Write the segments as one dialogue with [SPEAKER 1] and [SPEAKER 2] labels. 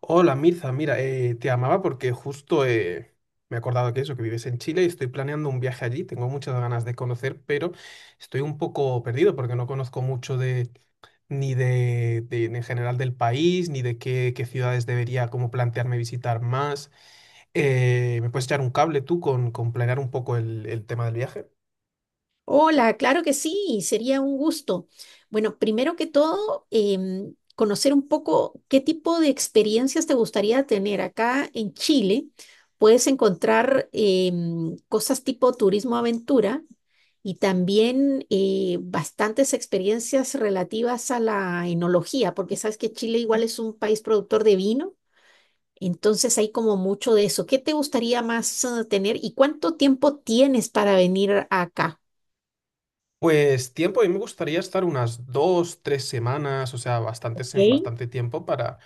[SPEAKER 1] Hola Mirza, mira, te amaba porque justo me he acordado que eso, que vives en Chile y estoy planeando un viaje allí. Tengo muchas ganas de conocer, pero estoy un poco perdido porque no conozco mucho de ni en general del país, ni de qué, qué ciudades debería como plantearme visitar más. ¿me puedes echar un cable tú con planear un poco el tema del viaje?
[SPEAKER 2] Hola, claro que sí, sería un gusto. Bueno, primero que todo, conocer un poco qué tipo de experiencias te gustaría tener. Acá en Chile puedes encontrar cosas tipo turismo aventura y también bastantes experiencias relativas a la enología, porque sabes que Chile igual es un país productor de vino, entonces hay como mucho de eso. ¿Qué te gustaría más tener y cuánto tiempo tienes para venir acá?
[SPEAKER 1] Pues tiempo, a mí me gustaría estar unas dos, tres semanas, o sea, bastante,
[SPEAKER 2] Ok.
[SPEAKER 1] bastante tiempo para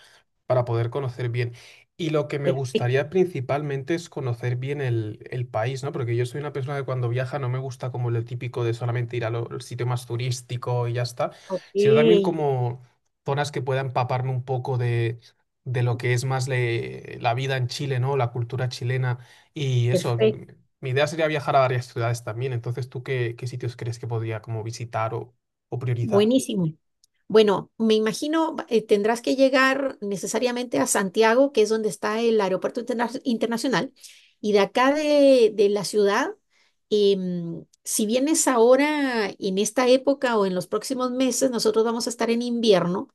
[SPEAKER 1] para poder conocer bien. Y lo que me gustaría
[SPEAKER 2] Perfecto,
[SPEAKER 1] principalmente es conocer bien el país, ¿no? Porque yo soy una persona que cuando viaja no me gusta como lo típico de solamente ir al sitio más turístico y ya está,
[SPEAKER 2] ok,
[SPEAKER 1] sino también como zonas que pueda empaparme un poco de lo que es más la vida en Chile, ¿no? La cultura chilena y eso.
[SPEAKER 2] perfecto,
[SPEAKER 1] Mi idea sería viajar a varias ciudades también. Entonces, ¿tú qué, qué sitios crees que podría como visitar o priorizar?
[SPEAKER 2] buenísimo. Bueno, me imagino tendrás que llegar necesariamente a Santiago, que es donde está el aeropuerto internacional, y de acá de la ciudad, si vienes ahora en esta época o en los próximos meses, nosotros vamos a estar en invierno.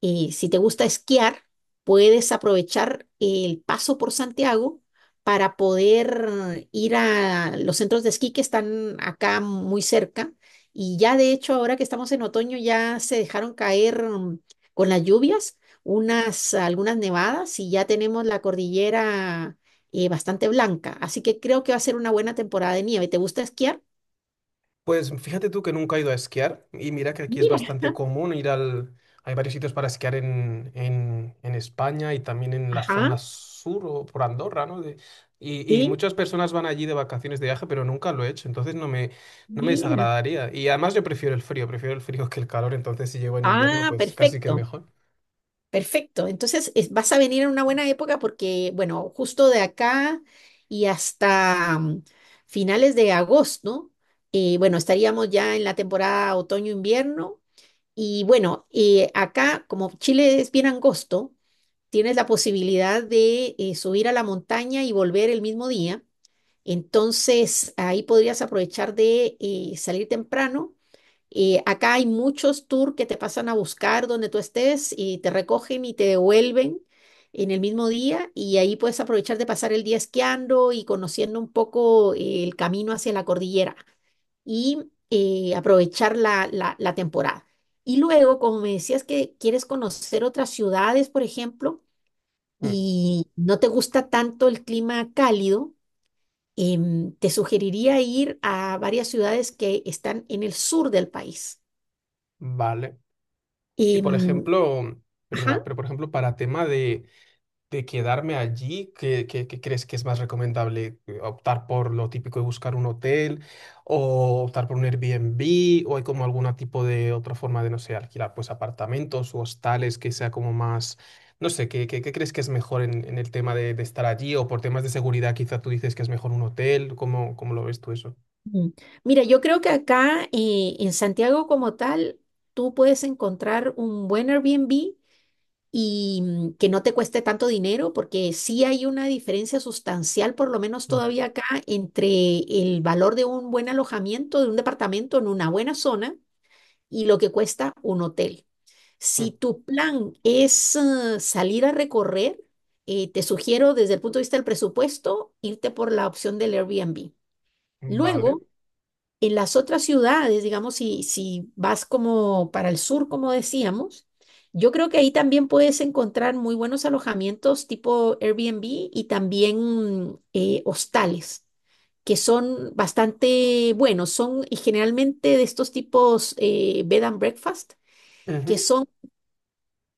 [SPEAKER 2] Si te gusta esquiar, puedes aprovechar el paso por Santiago para poder ir a los centros de esquí que están acá muy cerca. Y ya de hecho, ahora que estamos en otoño, ya se dejaron caer con las lluvias algunas nevadas y ya tenemos la cordillera bastante blanca. Así que creo que va a ser una buena temporada de nieve. ¿Te gusta esquiar?
[SPEAKER 1] Pues fíjate tú que nunca he ido a esquiar y mira que aquí es
[SPEAKER 2] Mira,
[SPEAKER 1] bastante común ir al… Hay varios sitios para esquiar en España y también en la
[SPEAKER 2] ajá,
[SPEAKER 1] zona sur o por Andorra, ¿no? Y, y
[SPEAKER 2] sí,
[SPEAKER 1] muchas personas van allí de vacaciones de viaje, pero nunca lo he hecho, entonces no me
[SPEAKER 2] mira.
[SPEAKER 1] desagradaría. Y además yo prefiero el frío que el calor, entonces si llego en invierno,
[SPEAKER 2] Ah,
[SPEAKER 1] pues casi que
[SPEAKER 2] perfecto.
[SPEAKER 1] mejor.
[SPEAKER 2] Perfecto. Entonces, vas a venir en una buena época porque, bueno, justo de acá y hasta finales de agosto, bueno, estaríamos ya en la temporada otoño-invierno. Y bueno, acá, como Chile es bien angosto, tienes la posibilidad de subir a la montaña y volver el mismo día. Entonces, ahí podrías aprovechar de salir temprano y acá hay muchos tours que te pasan a buscar donde tú estés y te recogen y te devuelven en el mismo día y ahí puedes aprovechar de pasar el día esquiando y conociendo un poco el camino hacia la cordillera y aprovechar la temporada. Y luego, como me decías que quieres conocer otras ciudades, por ejemplo,
[SPEAKER 1] Mm,
[SPEAKER 2] y no te gusta tanto el clima cálido, te sugeriría ir a varias ciudades que están en el sur del país.
[SPEAKER 1] vale. Y por
[SPEAKER 2] Em,
[SPEAKER 1] ejemplo, perdona,
[SPEAKER 2] ajá.
[SPEAKER 1] pero por ejemplo, para tema de quedarme allí, ¿qué, qué crees que es más recomendable? ¿Optar por lo típico de buscar un hotel o optar por un Airbnb o hay como algún tipo de otra forma de, no sé, alquilar pues apartamentos o hostales que sea como más, no sé, ¿qué, qué crees que es mejor en el tema de estar allí o por temas de seguridad quizá tú dices que es mejor un hotel? ¿Cómo, cómo lo ves tú eso?
[SPEAKER 2] Mm. Mira, yo creo que acá en Santiago como tal, tú puedes encontrar un buen Airbnb y que no te cueste tanto dinero, porque sí hay una diferencia sustancial, por lo menos
[SPEAKER 1] Mm.
[SPEAKER 2] todavía acá, entre el valor de un buen alojamiento, de un departamento en una buena zona y lo que cuesta un hotel. Si tu plan es salir a recorrer, te sugiero desde el punto de vista del presupuesto irte por la opción del Airbnb.
[SPEAKER 1] Vale.
[SPEAKER 2] Luego, en las otras ciudades, digamos, si vas como para el sur, como decíamos, yo creo que ahí también puedes encontrar muy buenos alojamientos tipo Airbnb y también hostales que son bastante buenos, son y generalmente de estos tipos bed and breakfast,
[SPEAKER 1] Ujú.
[SPEAKER 2] que son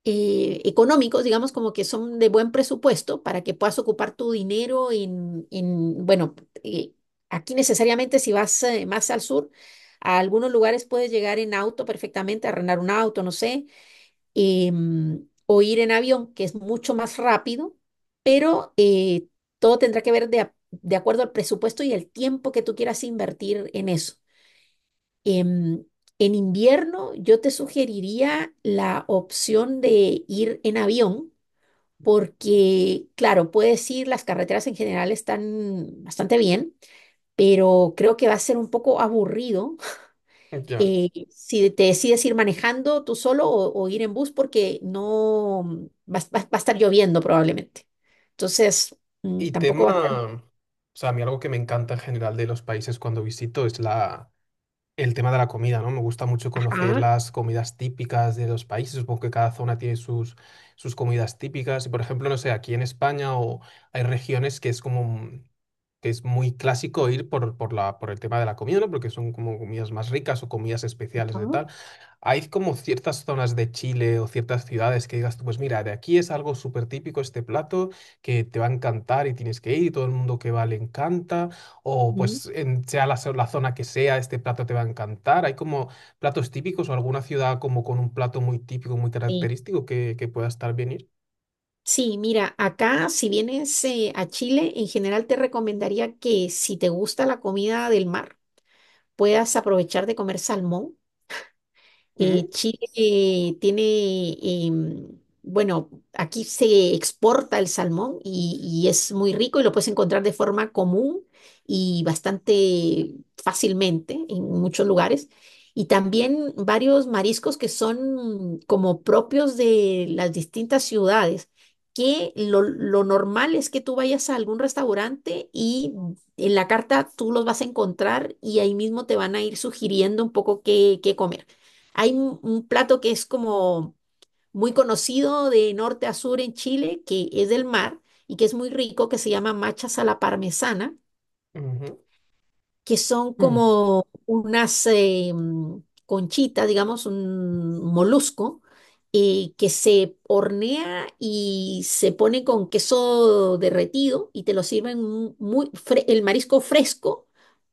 [SPEAKER 2] económicos, digamos como que son de buen presupuesto para que puedas ocupar tu dinero en bueno, eh, aquí necesariamente si vas más al sur, a algunos lugares puedes llegar en auto perfectamente, arrendar un auto, no sé, o ir en avión, que es mucho más rápido, pero todo tendrá que ver de acuerdo al presupuesto y el tiempo que tú quieras invertir en eso. Em, en invierno yo te sugeriría la opción de ir en avión porque, claro, puedes ir, las carreteras en general están bastante bien, pero creo que va a ser un poco aburrido
[SPEAKER 1] Ya.
[SPEAKER 2] si te decides ir manejando tú solo o ir en bus porque no va a estar lloviendo probablemente. Entonces,
[SPEAKER 1] Y
[SPEAKER 2] tampoco va a ser...
[SPEAKER 1] tema, o sea, a mí algo que me encanta en general de los países cuando visito es la… El tema de la comida, ¿no? Me gusta mucho conocer
[SPEAKER 2] Ajá,
[SPEAKER 1] las comidas típicas de los países. Supongo que cada zona tiene sus, sus comidas típicas. Y por ejemplo, no sé, aquí en España o hay regiones que es como que es muy clásico ir por, por el tema de la comida, ¿no? Porque son como comidas más ricas o comidas especiales de
[SPEAKER 2] ajá,
[SPEAKER 1] tal. Hay como ciertas zonas de Chile o ciertas ciudades que digas tú, pues mira, de aquí es algo súper típico este plato que te va a encantar y tienes que ir y todo el mundo que va le encanta, o
[SPEAKER 2] mm,
[SPEAKER 1] pues sea la zona que sea, este plato te va a encantar. Hay como platos típicos o alguna ciudad como con un plato muy típico, muy
[SPEAKER 2] sí.
[SPEAKER 1] característico que pueda estar bien ir.
[SPEAKER 2] Sí, mira, acá si vienes a Chile, en general te recomendaría que si te gusta la comida del mar, puedas aprovechar de comer salmón.
[SPEAKER 1] Ujú,
[SPEAKER 2] Chile tiene, bueno, aquí se exporta el salmón y es muy rico y lo puedes encontrar de forma común y bastante fácilmente en muchos lugares. Y también varios mariscos que son como propios de las distintas ciudades, que lo normal es que tú vayas a algún restaurante y en la carta tú los vas a encontrar y ahí mismo te van a ir sugiriendo un poco qué, qué comer. Hay un plato que es como muy conocido de norte a sur en Chile, que es del mar y que es muy rico, que se llama machas a la parmesana,
[SPEAKER 1] ujú,
[SPEAKER 2] que son
[SPEAKER 1] ujú,
[SPEAKER 2] como unas conchitas, digamos, un molusco, que se hornea y se pone con queso derretido y te lo sirven muy, el marisco fresco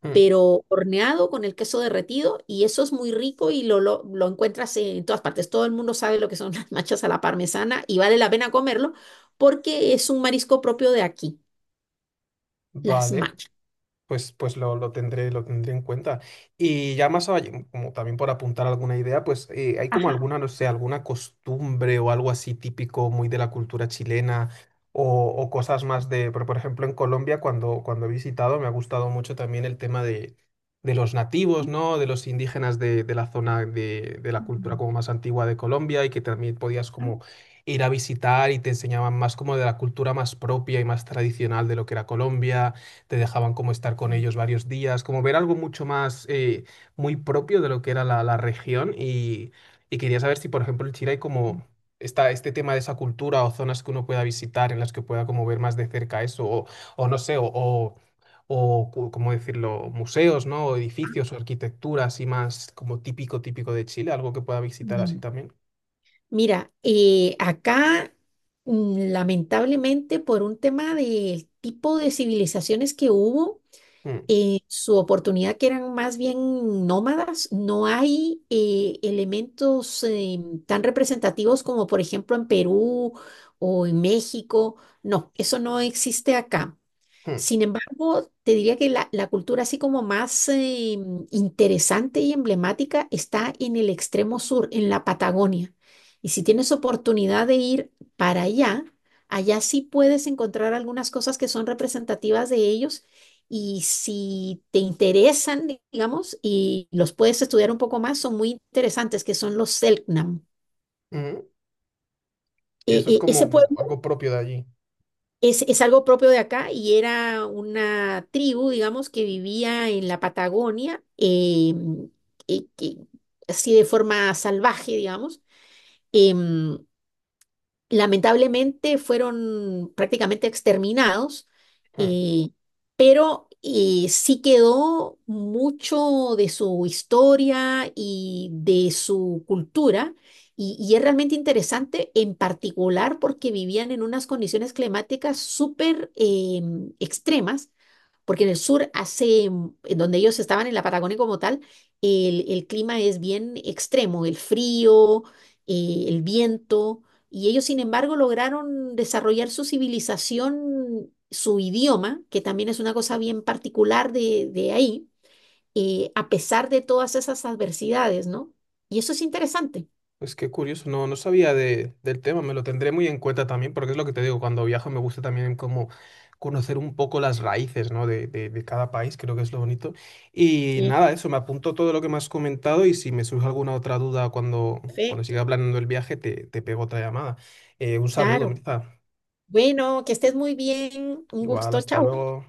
[SPEAKER 1] ujú.
[SPEAKER 2] pero horneado con el queso derretido y eso es muy rico y lo encuentras en todas partes. Todo el mundo sabe lo que son las machas a la parmesana y vale la pena comerlo porque es un marisco propio de aquí, las
[SPEAKER 1] Vale.
[SPEAKER 2] machas.
[SPEAKER 1] Pues, pues lo, lo tendré en cuenta. Y ya más allá, como también por apuntar alguna idea, pues hay como
[SPEAKER 2] Ajá.
[SPEAKER 1] alguna, no sé, alguna costumbre o algo así típico muy de la cultura chilena o cosas más de, pero por ejemplo en Colombia cuando, cuando he visitado me ha gustado mucho también el tema de los nativos, ¿no? De los indígenas de la zona de la cultura como más antigua de Colombia y que también podías
[SPEAKER 2] Ajá.
[SPEAKER 1] como ir a visitar y te enseñaban más como de la cultura más propia y más tradicional de lo que era Colombia, te dejaban como estar con ellos varios días, como ver algo mucho más muy propio de lo que era la región y quería saber si, por ejemplo, en Chile hay como está este tema de esa cultura o zonas que uno pueda visitar en las que pueda como ver más de cerca eso o no sé, o cómo decirlo, museos, ¿no? O edificios o arquitectura así más como típico, típico de Chile, algo que pueda visitar así
[SPEAKER 2] Mm.
[SPEAKER 1] también.
[SPEAKER 2] Mira, acá lamentablemente por un tema del tipo de civilizaciones que hubo,
[SPEAKER 1] Mm,
[SPEAKER 2] su oportunidad, que eran más bien nómadas, no hay elementos tan representativos como por ejemplo en Perú o en México. No, eso no existe acá.
[SPEAKER 1] mm,
[SPEAKER 2] Sin embargo, te diría que la cultura así como más interesante y emblemática está en el extremo sur, en la Patagonia. Y si tienes oportunidad de ir para allá, allá sí puedes encontrar algunas cosas que son representativas de ellos. Y si te interesan, digamos, y los puedes estudiar un poco más, son muy interesantes, que son los Selknam.
[SPEAKER 1] mm. Y eso es
[SPEAKER 2] Ese
[SPEAKER 1] como
[SPEAKER 2] pueblo
[SPEAKER 1] algo propio de allí.
[SPEAKER 2] es algo propio de acá y era una tribu, digamos, que vivía en la Patagonia, que- que- así de forma salvaje, digamos. Em, lamentablemente fueron prácticamente exterminados,
[SPEAKER 1] Mm.
[SPEAKER 2] eh, pero sí quedó mucho de su historia y de su cultura, y es realmente interesante, en particular porque vivían en unas condiciones climáticas súper extremas porque en el sur en donde ellos estaban en la Patagonia como tal, el clima es bien extremo, el frío, el viento, y ellos sin embargo lograron desarrollar su civilización, su idioma, que también es una cosa bien particular de ahí, a pesar de todas esas adversidades, ¿no? Y eso es interesante.
[SPEAKER 1] Pues qué curioso, no, no sabía del tema, me lo tendré muy en cuenta también, porque es lo que te digo, cuando viajo me gusta también como conocer un poco las raíces, ¿no? De cada país, creo que es lo bonito. Y
[SPEAKER 2] Sí,
[SPEAKER 1] nada, eso, me apunto todo lo que me has comentado y si me surge alguna otra duda cuando, cuando
[SPEAKER 2] perfecto.
[SPEAKER 1] siga planeando el viaje, te pego otra llamada. Un saludo,
[SPEAKER 2] Claro.
[SPEAKER 1] Mirza.
[SPEAKER 2] Bueno, que estés muy bien. Un
[SPEAKER 1] Igual,
[SPEAKER 2] gusto.
[SPEAKER 1] hasta
[SPEAKER 2] Chao.
[SPEAKER 1] luego.